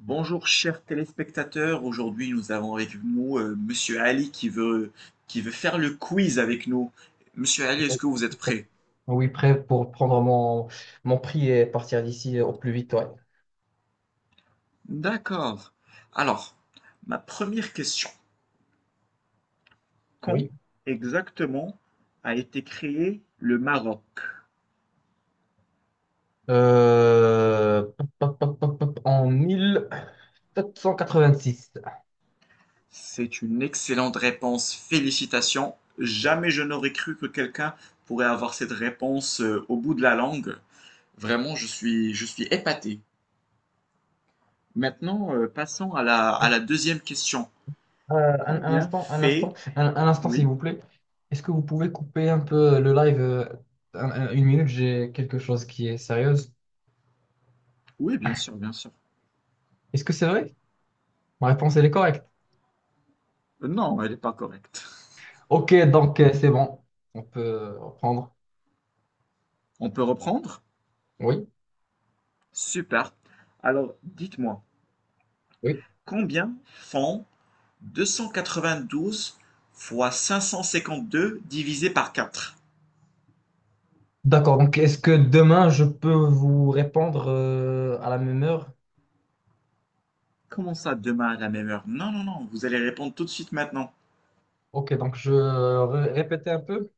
Bonjour chers téléspectateurs, aujourd'hui nous avons avec nous Monsieur Ali qui veut faire le quiz avec nous. Monsieur Ali, est-ce Oui. que vous êtes prêt? Oui, prêt pour prendre mon prix et partir d'ici au plus vite, ouais. D'accord. Alors, ma première question. Quand Oui. exactement a été créé le Maroc? Pop, pop, pop, pop, pop, en 1786. C'est une excellente réponse, félicitations. Jamais je n'aurais cru que quelqu'un pourrait avoir cette réponse au bout de la langue. Vraiment, je suis épaté. Maintenant, passons à la deuxième question. Un Combien instant, un fait... instant, un instant, s'il Oui, vous plaît. Est-ce que vous pouvez couper un peu le live une minute? J'ai quelque chose qui est sérieuse. oui, bien sûr, bien sûr. Est-ce que c'est vrai? Ma réponse, elle est correcte. Non, elle n'est pas correcte. Ok, donc c'est bon. On peut reprendre. On peut reprendre? Oui. Super. Alors, dites-moi, Oui. combien font 292 fois 552 divisé par 4? D'accord, donc est-ce que demain je peux vous répondre à la même heure? Comment ça, demain à la même heure? Non, non, non, vous allez répondre tout de suite maintenant. Ok, donc je répétais répéter un peu.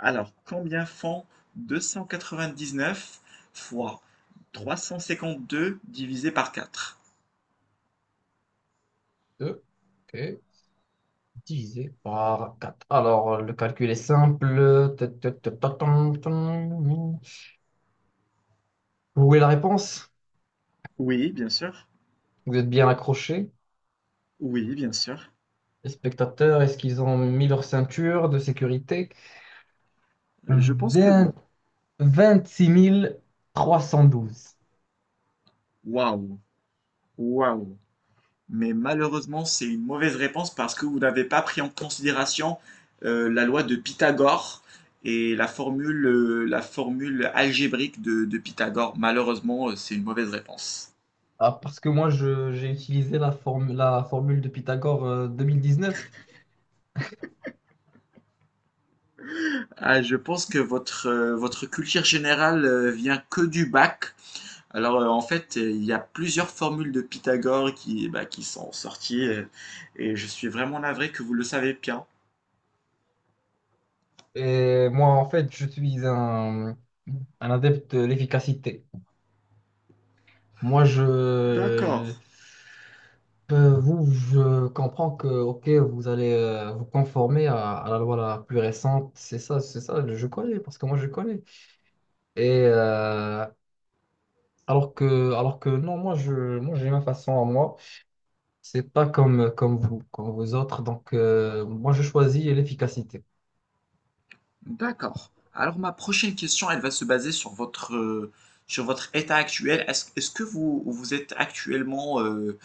Alors, combien font 299 fois 352 divisé par 4? 2. Ok, divisé par 4. Alors, le calcul est simple. Tan, tan. Vous voulez la réponse? Oui, bien sûr. Vous êtes bien accrochés. Oui, bien sûr. Les spectateurs, est-ce qu'ils ont mis leur ceinture de sécurité? Je pense que oui. vingt Vingt-six mille trois cent douze. Waouh, waouh! Mais malheureusement, c'est une mauvaise réponse parce que vous n'avez pas pris en considération la loi de Pythagore et la formule algébrique de Pythagore. Malheureusement, c'est une mauvaise réponse. Ah, parce que j'ai utilisé la formule de Pythagore neuf. Ah, je pense que votre culture générale vient que du bac. Alors, en fait, il y a plusieurs formules de Pythagore qui, bah, qui sont sorties et je suis vraiment navré que vous le savez bien. Et moi, en fait, je suis un adepte de l'efficacité. Moi, je, D'accord. Vous, je comprends que, ok, vous allez vous conformer à la loi la plus récente. C'est ça, je connais, parce que moi, je connais. Et alors que non, moi, j'ai ma façon à moi. C'est pas comme vous, comme vous autres. Donc, moi, je choisis l'efficacité. D'accord. Alors ma prochaine question, elle va se baser sur sur votre état actuel. Est-ce que vous êtes actuellement euh,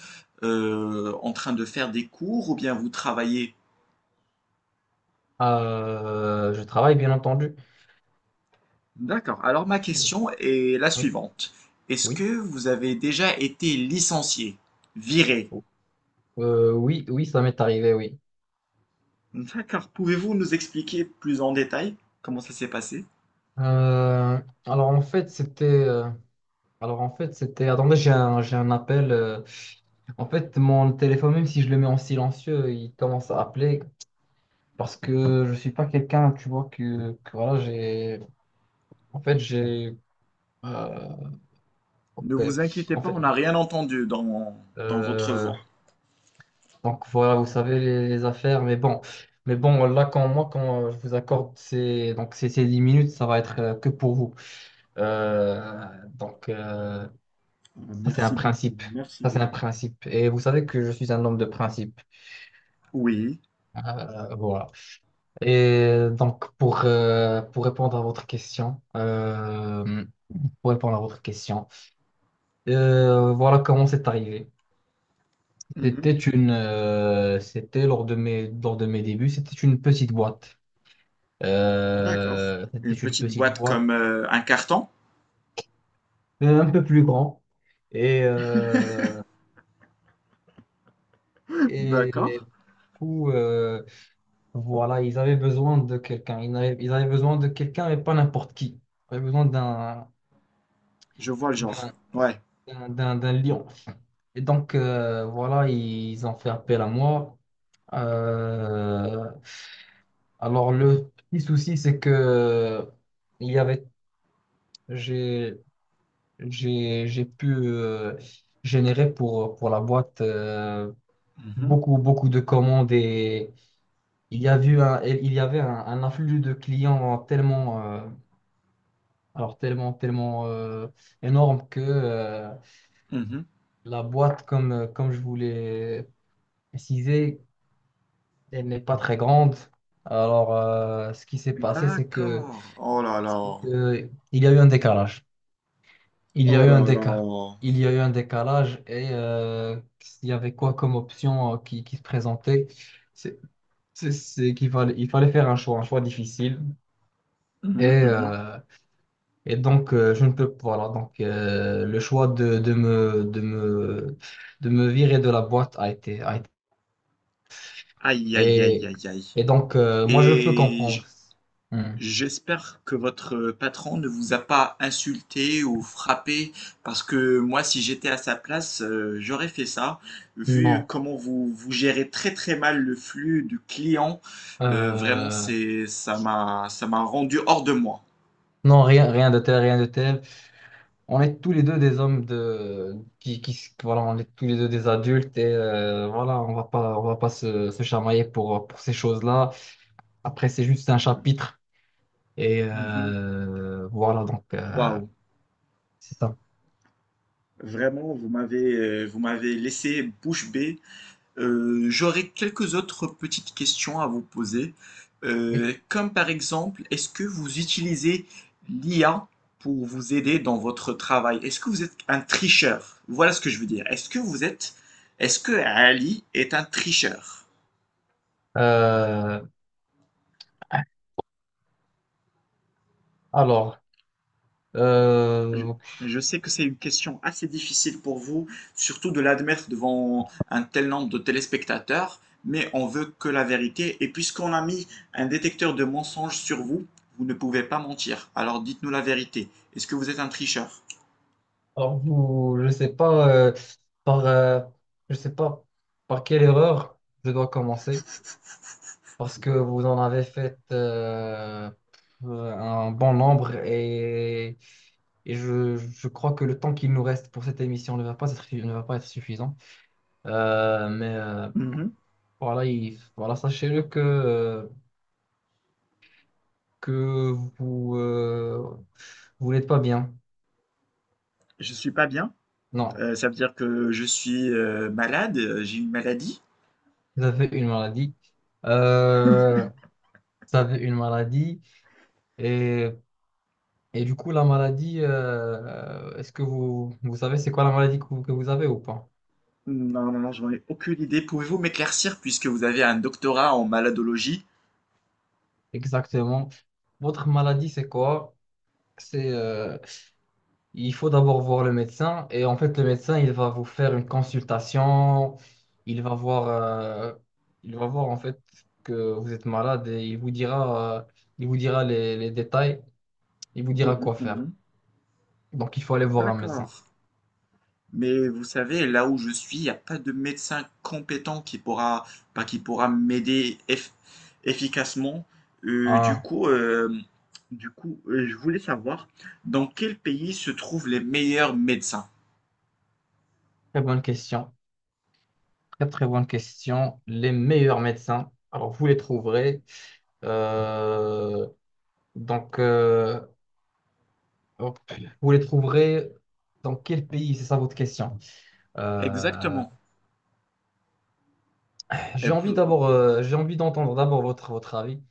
euh, en train de faire des cours ou bien vous travaillez? Je travaille, bien entendu. D'accord. Alors ma Oui, question est la oui. suivante. Est-ce que Oui. vous avez déjà été licencié, viré? Oui, oui, ça m'est arrivé, oui. D'accord. Pouvez-vous nous expliquer plus en détail comment ça s'est passé? Euh, alors en fait, alors en fait, c'était. Attendez, j'ai un appel. En fait, mon téléphone, même si je le mets en silencieux, il commence à appeler parce que je suis pas quelqu'un, tu vois, que voilà, j'ai. En fait, j'ai. euh, Ne ok. vous inquiétez En pas, fait, on n'a rien entendu dans votre euh, voix. donc voilà, vous savez les affaires, mais bon, là, quand je vous accorde ces 10 minutes, ça va être que pour vous. Euh, donc, euh, Ah, Ça, c'est un merci beaucoup, principe. merci Ça, c'est un beaucoup. principe. Et vous savez que je suis un homme de principe. Oui. Voilà. Et donc, pour répondre à votre pour répondre à votre question, voilà comment c'est arrivé. Mhm. C'était lors de mes débuts, c'était une petite boîte. D'accord. C'était Une une petite petite boîte boîte, comme un carton? Un peu plus grand. Et, euh, D'accord. et du coup, voilà, ils avaient besoin de quelqu'un. Ils avaient besoin de quelqu'un, mais pas n'importe qui. Ils avaient besoin Je vois le genre. d'un Ouais. D'un lion. Et donc, voilà, ils ont fait appel à moi. Euh, alors, le petit souci, c'est que il y avait, j'ai, j'ai pu générer pour la boîte Mhm. beaucoup, beaucoup de commandes et il y avait un afflux de clients tellement, tellement, tellement énorme que Mhm. la boîte, comme je voulais préciser, elle n'est pas très grande. Alors ce qui s'est passé, D'accord. Oh là c'est là. que il y a eu un décalage. Il y Oh a eu là un décalage. là. Il y a eu un décalage et il y avait quoi comme option qui se présentait? C'est c'est qu'il fallait, il fallait faire un choix difficile. Et Mhm, mhm. euh, donc, je ne peux, voilà, donc, le choix de me virer de la boîte a été- Aïe, aïe, aïe, et, aïe, aïe. et donc, moi, je peux Et comprendre. j- Hmm. J'espère que votre patron ne vous a pas insulté ou frappé, parce que moi, si j'étais à sa place, j'aurais fait ça. Vu Non, comment vous gérez très très mal le flux du client, vraiment, Euh, ça m'a rendu hors de moi. non, rien, rien de tel, rien de tel. On est tous les deux des hommes voilà, on est tous les deux des adultes et voilà, on va pas se chamailler pour ces choses-là. Après, c'est juste un Mhm. chapitre et Mhm. Voilà, donc, Waouh, c'est ça. vraiment, vous m'avez laissé bouche bée. J'aurais quelques autres petites questions à vous poser. Oui. Comme par exemple, est-ce que vous utilisez l'IA pour vous aider dans votre travail? Est-ce que vous êtes un tricheur? Voilà ce que je veux dire. Est-ce que Ali est un tricheur? Euh, Alors, Je, euh, je sais que c'est une question assez difficile pour vous, surtout de l'admettre devant un tel nombre de téléspectateurs, mais on veut que la vérité. Et puisqu'on a mis un détecteur de mensonges sur vous, vous ne pouvez pas mentir. Alors dites-nous la vérité. Est-ce que vous êtes un tricheur? alors vous, je sais pas par, euh, je sais pas par quelle erreur je dois commencer parce que vous en avez fait un bon nombre et je crois que le temps qu'il nous reste pour cette émission ne va pas être suffisant. Euh, mais euh, Mhm. voilà, voilà, sachez-le que que vous vous n'êtes pas bien. Je suis pas bien. Non. Ça veut dire que je suis malade, j'ai une maladie. Vous avez une maladie. Euh, Vous avez une maladie. Et, et du coup, la maladie, est-ce que vous savez c'est quoi la maladie que que vous avez ou pas? Non, non, non, j'en ai aucune idée. Pouvez-vous m'éclaircir puisque vous avez un doctorat en maladologie? Exactement. Votre maladie, c'est quoi? C'est, euh, il faut d'abord voir le médecin. Et en fait, le médecin, il va vous faire une consultation. Il va voir, euh, il va voir en fait que vous êtes malade et il vous dira les détails. Il vous dira Mhm, quoi faire. mhm. Donc, il faut aller voir un médecin. D'accord. Mais vous savez, là où je suis, il n'y a pas de médecin compétent bah, qui pourra m'aider efficacement. Euh, du Ah. coup, euh, je voulais savoir dans quel pays se trouvent les meilleurs médecins. Très bonne question. Très, très bonne question. Les meilleurs médecins, alors vous les trouverez. euh, donc, euh, hop, vous les trouverez dans quel pays? C'est ça votre question. Euh, Exactement. j'ai Et envie pou- d'abord, j'ai envie d'entendre d'abord votre avis.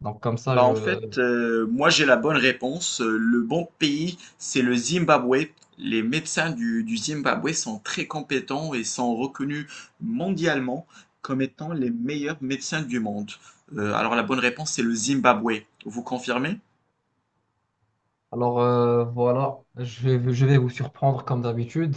Donc, comme ça, Bah en je. fait, moi j'ai la bonne réponse. Le bon pays, c'est le Zimbabwe. Les médecins du Zimbabwe sont très compétents et sont reconnus mondialement comme étant les meilleurs médecins du monde. Alors la bonne réponse, c'est le Zimbabwe. Vous confirmez? Alors, voilà, je vais vous surprendre comme d'habitude.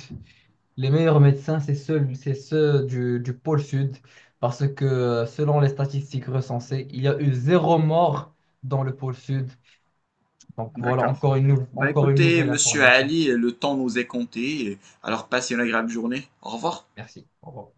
Les meilleurs médecins, c'est ceux du pôle sud, parce que selon les statistiques recensées, il y a eu zéro mort dans le pôle sud. Donc voilà, D'accord. Bah encore une écoutez, nouvelle monsieur information. Ali, le temps nous est compté. Alors passez une agréable journée. Au revoir. Merci. Au revoir.